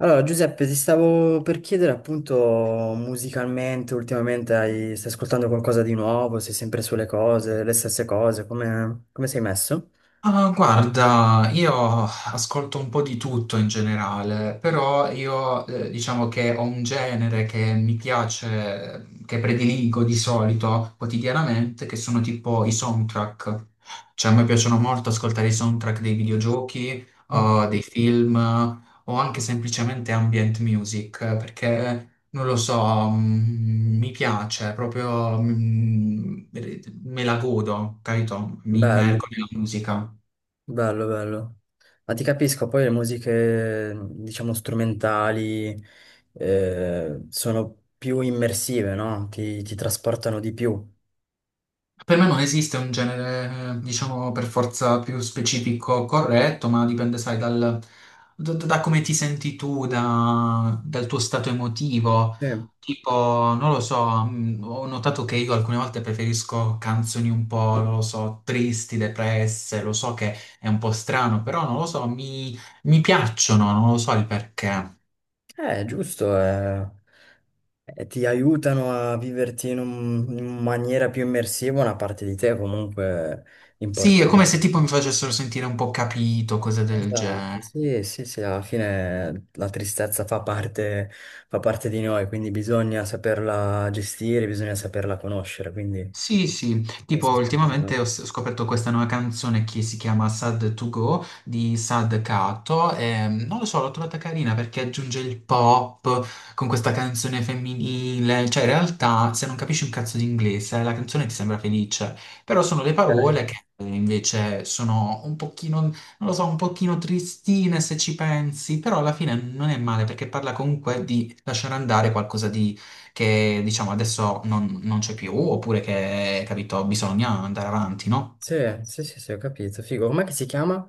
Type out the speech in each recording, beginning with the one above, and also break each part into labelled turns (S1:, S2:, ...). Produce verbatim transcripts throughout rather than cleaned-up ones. S1: Allora, Giuseppe, ti stavo per chiedere appunto musicalmente, ultimamente hai- stai ascoltando qualcosa di nuovo, sei sempre sulle cose, le stesse cose, come, come sei messo?
S2: Ah, guarda, io ascolto un po' di tutto in generale, però io eh, diciamo che ho un genere che mi piace, che prediligo di solito quotidianamente, che sono tipo i soundtrack. Cioè, a me piacciono molto ascoltare i soundtrack dei videogiochi,
S1: Mm.
S2: o dei film, o anche semplicemente ambient music, perché non lo so, mm, mi piace proprio, mm, me la godo, capito? Mi immergo
S1: Bello,
S2: nella musica.
S1: bello, bello. Ma ti capisco, poi le musiche, diciamo, strumentali, eh, sono più immersive, no? Ti, ti trasportano di più.
S2: Per me non esiste un genere, eh, diciamo, per forza più specifico corretto, ma dipende, sai, dal, da, da come ti senti tu, da- dal tuo stato emotivo.
S1: Sì.
S2: Tipo, non lo so, mh, ho notato che io alcune volte preferisco canzoni un po', non lo so, tristi, depresse, lo so che è un po' strano, però non lo so, mi, mi piacciono, non lo so il perché.
S1: Eh, giusto, eh, eh, ti aiutano a viverti in, un- in maniera più immersiva una parte di te comunque
S2: Sì, è come
S1: importante.
S2: se tipo mi facessero sentire un po' capito, cose del
S1: Esatto,
S2: genere.
S1: sì, sì, sì, alla fine la tristezza fa parte, fa parte di noi, quindi bisogna saperla gestire, bisogna saperla conoscere, quindi...
S2: Sì, sì, tipo
S1: Questo sta
S2: ultimamente
S1: andando.
S2: ho s- scoperto questa nuova canzone che si chiama Sad to Go di Sad Kato e non lo so, l'ho trovata carina perché aggiunge il pop con questa canzone femminile, cioè in realtà se non capisci un cazzo di inglese la canzone ti sembra felice, però sono le
S1: Dai.
S2: parole che eh, invece sono un pochino, non lo so, un pochino tristine se ci pensi, però alla fine non è male perché parla comunque di lasciare andare qualcosa che diciamo adesso non, non c'è più, oppure che, capito, bisogna andare avanti, no?
S1: Sì, sì, sì, sì, ho capito, figo. Com'è che si chiama?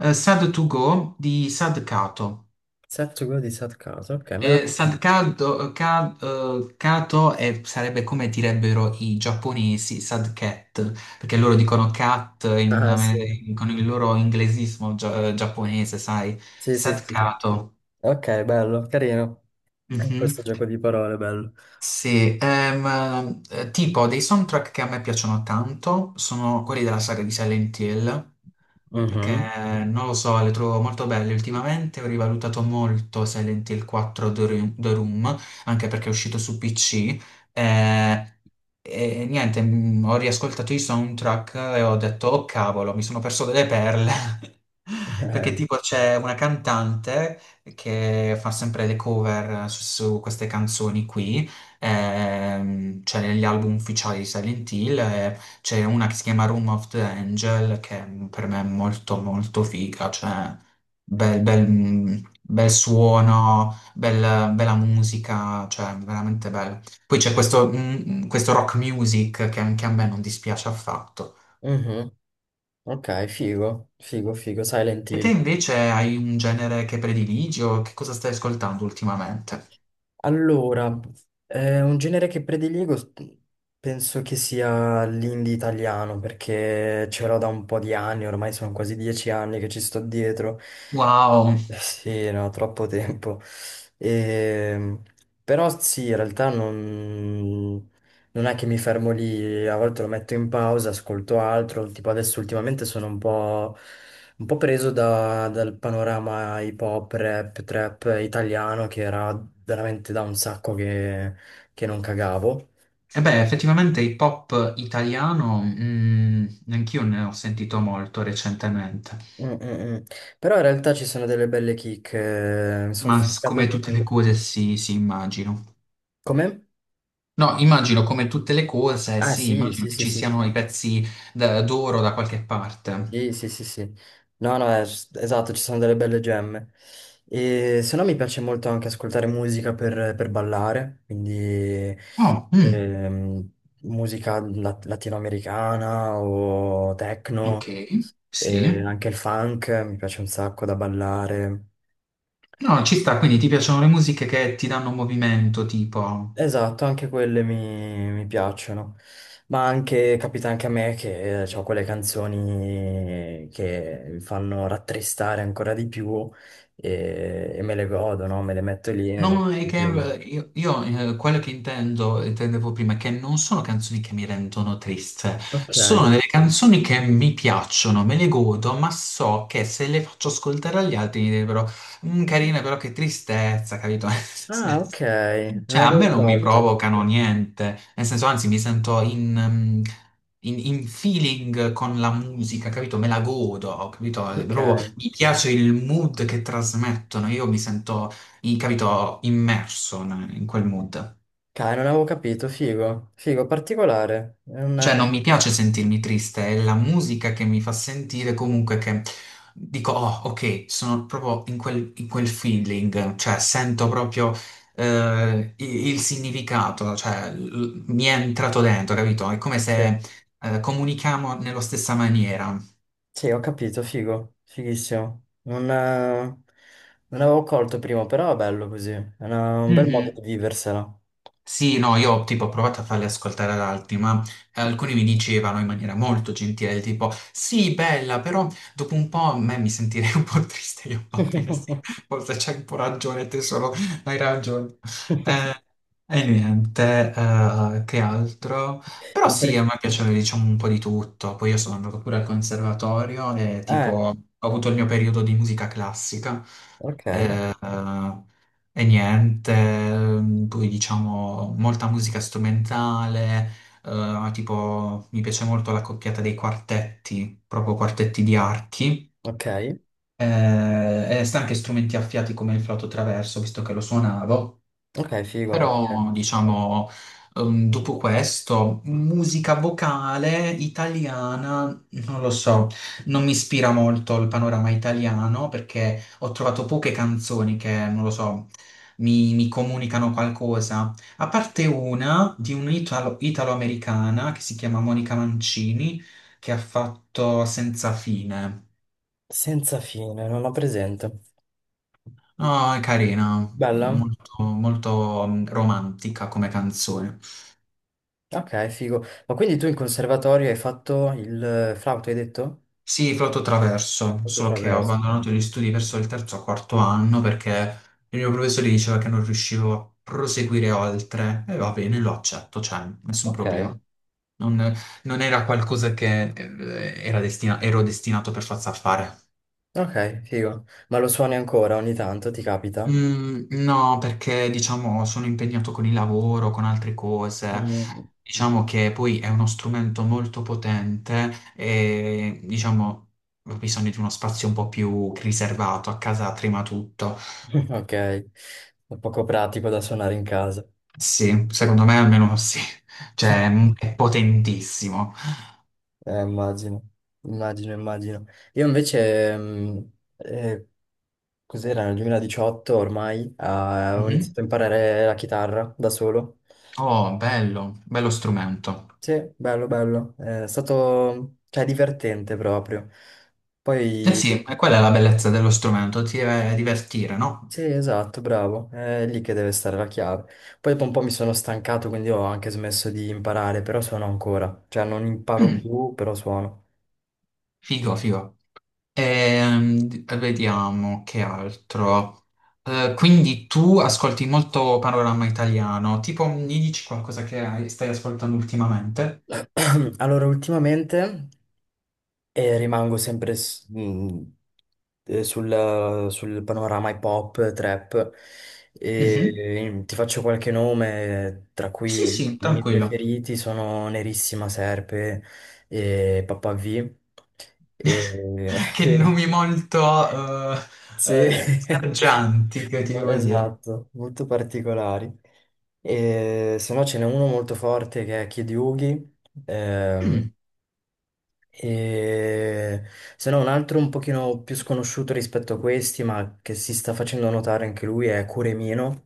S2: Eh, Sad to Go di Sad Kato.
S1: Setsugo di Satkato, ok, me la...
S2: Eh, Sad Kato, Ka- eh, Kato è- sarebbe come direbbero i giapponesi, Sad Cat, perché loro dicono cat in
S1: Ah, sì,
S2: amer- con il loro inglesismo gia- giapponese, sai?
S1: sì, sì,
S2: Sad
S1: sì, sì.
S2: Kato.
S1: Ok, bello, carino.
S2: Mhm.
S1: Questo gioco di parole, bello.
S2: Sì, ehm, eh, tipo dei soundtrack che a me piacciono tanto sono quelli della saga di Silent Hill, perché
S1: Mhm.
S2: non lo so, le trovo molto belle. Ultimamente ho rivalutato molto Silent Hill quattro The Room, The Room, anche perché è uscito su P C. eh, E, niente, mm, ho riascoltato i soundtrack e ho detto, oh cavolo, mi sono perso delle perle. Perché
S1: Eh,
S2: tipo c'è una cantante che fa sempre le cover su, su queste canzoni qui, ehm, cioè negli album ufficiali di Silent Hill, e c'è una che si chiama Room of the Angel, che per me è molto molto figa, cioè bel, bel, mm, bel suono, bel- bella musica, cioè veramente bello. Poi c'è questo, mm, questo rock music che anche a me non dispiace affatto.
S1: mhm. Ok, figo, figo, figo, Silent
S2: E te
S1: Hill.
S2: invece hai un genere che prediligi o che cosa stai ascoltando ultimamente?
S1: Allora, eh, un genere che prediligo s- penso che sia l'indie italiano, perché ce l'ho da un po' di anni, ormai sono quasi dieci anni che ci sto dietro.
S2: Wow,
S1: Sì, no, troppo tempo. Ehm, però sì, in realtà non, non è che mi fermo lì, a volte lo metto in pausa, ascolto altro, tipo adesso ultimamente sono un po', un po' preso da- dal panorama hip hop, rap, trap italiano che era veramente da un sacco che, che non cagavo.
S2: e beh, effettivamente hip hop italiano, mm, anch'io ne ho sentito molto recentemente.
S1: Mm, mm, mm. Però in realtà ci sono delle belle kick, eh, mi sono
S2: Ma s-
S1: ficcato
S2: come tutte le
S1: dentro.
S2: cose, sì, sì, immagino.
S1: Come?
S2: No, immagino come tutte le cose,
S1: Ah
S2: sì,
S1: sì,
S2: immagino
S1: sì,
S2: che
S1: sì,
S2: ci
S1: sì.
S2: siano i pezzi d- d'oro da qualche parte.
S1: Sì, sì, sì, sì. No, no, eh, s- esatto, ci sono delle belle gemme. E se no mi piace molto anche ascoltare musica per, per ballare, quindi
S2: Oh, mm,
S1: ehm, musica lat- latinoamericana o
S2: ok,
S1: techno, e
S2: sì.
S1: anche il funk, mi piace un sacco da ballare.
S2: No, ci sta, quindi ti piacciono le musiche che ti danno movimento, tipo...
S1: Esatto, anche quelle mi, mi piacciono, ma anche capita anche a me che ho quelle canzoni che mi fanno rattristare ancora di più e, e me le godo, no? Me le metto lì e
S2: No,
S1: me-
S2: no, è che eh, io, io, eh, quello che intendo, intendevo prima, è che non sono canzoni che mi rendono triste,
S1: Ok.
S2: sono delle canzoni che mi piacciono, me le godo, ma so che se le faccio ascoltare agli altri mi direbbero, "Mm, carina, però che tristezza, capito? Nel
S1: Ah,
S2: senso-
S1: ok, non
S2: cioè, a
S1: avevo
S2: me non mi
S1: colto.
S2: provocano niente, nel senso, anzi, mi sento in, ehm, in- in feeling con la musica, capito? Me la godo, capito? È
S1: Ok.
S2: proprio mi piace il mood che trasmettono, io mi sento in- capito, immerso in in quel mood.
S1: Cai, non avevo capito, figo, figo, particolare. È
S2: Cioè,
S1: una...
S2: non mi piace sentirmi triste, è la musica che mi fa sentire comunque che dico, oh, ok, sono proprio in quel, in quel feeling, cioè sento proprio eh, i- il, significato, cioè l- mi è entrato dentro, capito? È come
S1: sì.
S2: se eh, comunichiamo nella stessa maniera.
S1: Sì, ho capito, figo, fighissimo. Non, eh, non avevo colto prima, però è bello così. È una- un bel modo
S2: Mhm.
S1: di viversela.
S2: Sì, no, io tipo ho provato a farle ascoltare ad altri, ma eh, alcuni mi dicevano in maniera molto gentile, tipo, sì, bella, però dopo un po' a me mi sentirei un po' triste, io va bene, sì, forse c'hai un po' ragione, te solo hai ragione. E niente, eh, che altro? Però
S1: Ma
S2: sì, a
S1: perché?
S2: me piaceva, diciamo, un po' di tutto, poi io sono andato pure al conservatorio e tipo
S1: Eh,
S2: ho avuto il mio periodo di musica classica.
S1: ok,
S2: Eh, e niente, ehm, poi diciamo molta musica strumentale, eh, tipo mi piace molto la coppiata dei quartetti, proprio quartetti di archi,
S1: ok,
S2: eh, e sta anche strumenti affiati come il flauto traverso, visto che lo suonavo.
S1: ok, figo. Eh,
S2: Però, diciamo, ehm, dopo questo, musica vocale italiana, non lo so, non mi ispira molto il panorama italiano perché ho trovato poche canzoni che, non lo so, mi, mi comunicano qualcosa. A parte una di un'italo- italo-americana che si chiama Monica Mancini, che ha fatto Senza fine.
S1: Senza fine, non ho presente.
S2: Ah, è carina,
S1: Bella?
S2: molto, molto mm, romantica come canzone.
S1: Ok, figo. Ma quindi tu in conservatorio hai fatto il eh, flauto, hai detto?
S2: Sì, flauto traverso,
S1: Flauto
S2: solo che ho
S1: traverso.
S2: abbandonato gli studi verso il terzo o quarto anno perché il mio professore diceva che non riuscivo a proseguire oltre. E va bene, lo accetto, cioè, nessun
S1: Ok,
S2: problema. Non, non era qualcosa che eh, era destina- ero destinato per forza a fare.
S1: ok, figo. Ma lo suoni ancora ogni tanto, ti capita?
S2: Mm, no, perché diciamo sono impegnato con il lavoro, con altre cose.
S1: Mm.
S2: Diciamo che poi è uno strumento molto potente e diciamo ho bisogno di uno spazio un po' più riservato. A casa prima tutto.
S1: Ok, è poco pratico da suonare in casa.
S2: Sì, secondo me almeno sì. Cioè, mm, è potentissimo.
S1: Eh, immagino, immagino, immagino. Io invece, mh, eh, cos'era nel duemiladiciotto ormai, ah, ho
S2: Mhm.
S1: iniziato a imparare la chitarra da solo.
S2: Oh, bello, bello strumento.
S1: Sì, bello, bello. Eh, È stato, cioè, divertente proprio.
S2: Eh
S1: Poi,
S2: sì, e quella è la bellezza dello strumento, ti deve divertire, no?
S1: sì, esatto, bravo. È lì che deve stare la chiave. Poi dopo un po' mi sono stancato, quindi ho anche smesso di imparare, però suono ancora. Cioè, non imparo
S2: Mm,
S1: più, però suono.
S2: figo, figo. Ehm, d- vediamo che altro. Eh, quindi tu ascolti molto panorama italiano, tipo mi dici qualcosa che hai- stai ascoltando ultimamente?
S1: Allora, ultimamente eh, rimango sempre s- mh, eh, sul, sul panorama hip hop, trap, e
S2: Mhm.
S1: ehm, ti faccio qualche nome, tra cui
S2: Sì, sì,
S1: i miei
S2: tranquillo.
S1: preferiti sono Nerissima Serpe e Papà V. E-
S2: Che
S1: sì,
S2: nomi molto eh
S1: sì.
S2: eh, sgargianti, che ti
S1: No,
S2: devo dire.
S1: esatto, molto particolari. E, se no ce n'è uno molto forte che è Kid Yugi ehm,
S2: Mm,
S1: e se no, un altro un pochino più sconosciuto rispetto a questi, ma che si sta facendo notare anche lui, è Curemino.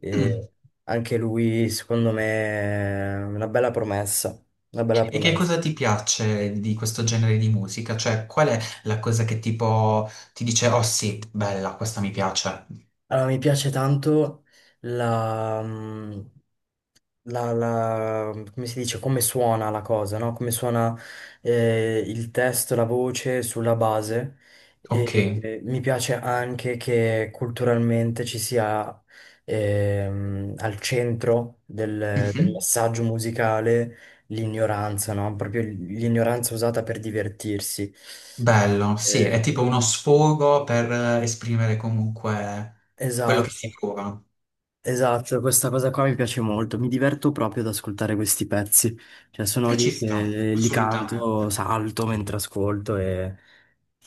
S1: E
S2: mm.
S1: anche lui, secondo me, è una bella promessa. Una bella
S2: E che
S1: promessa.
S2: cosa ti piace di questo genere di musica? Cioè, qual è la cosa che tipo ti dice, oh sì, bella, questa mi piace?
S1: Allora, mi piace tanto la, mm, la, la- come si dice, come suona la cosa, no? Come suona eh, il testo, la voce sulla base. E,
S2: Ok.
S1: eh, mi piace anche che culturalmente ci sia ehm, al centro del, del
S2: Mhm.
S1: messaggio musicale l'ignoranza, no? Proprio l'ignoranza usata per divertirsi.
S2: Bello, sì,
S1: Eh,
S2: è tipo uno sfogo per eh, esprimere comunque quello che si
S1: esatto.
S2: prova.
S1: Esatto, questa cosa qua mi piace molto, mi diverto proprio ad ascoltare questi pezzi, cioè sono
S2: E
S1: lì
S2: ci sta,
S1: che li
S2: assolutamente.
S1: canto, salto mentre ascolto e,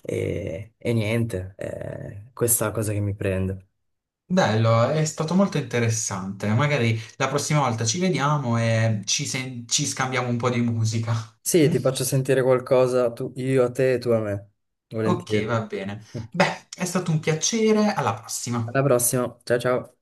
S1: e- e niente, eh, questa è la cosa che mi prende.
S2: Bello, è stato molto interessante. Magari la prossima volta ci vediamo e ci, sen- ci scambiamo un po' di musica.
S1: Sì, ti faccio sentire qualcosa tu- io a te e tu a me,
S2: Ok,
S1: volentieri.
S2: va bene. Beh, è stato un piacere, alla prossima.
S1: Alla prossima, ciao ciao.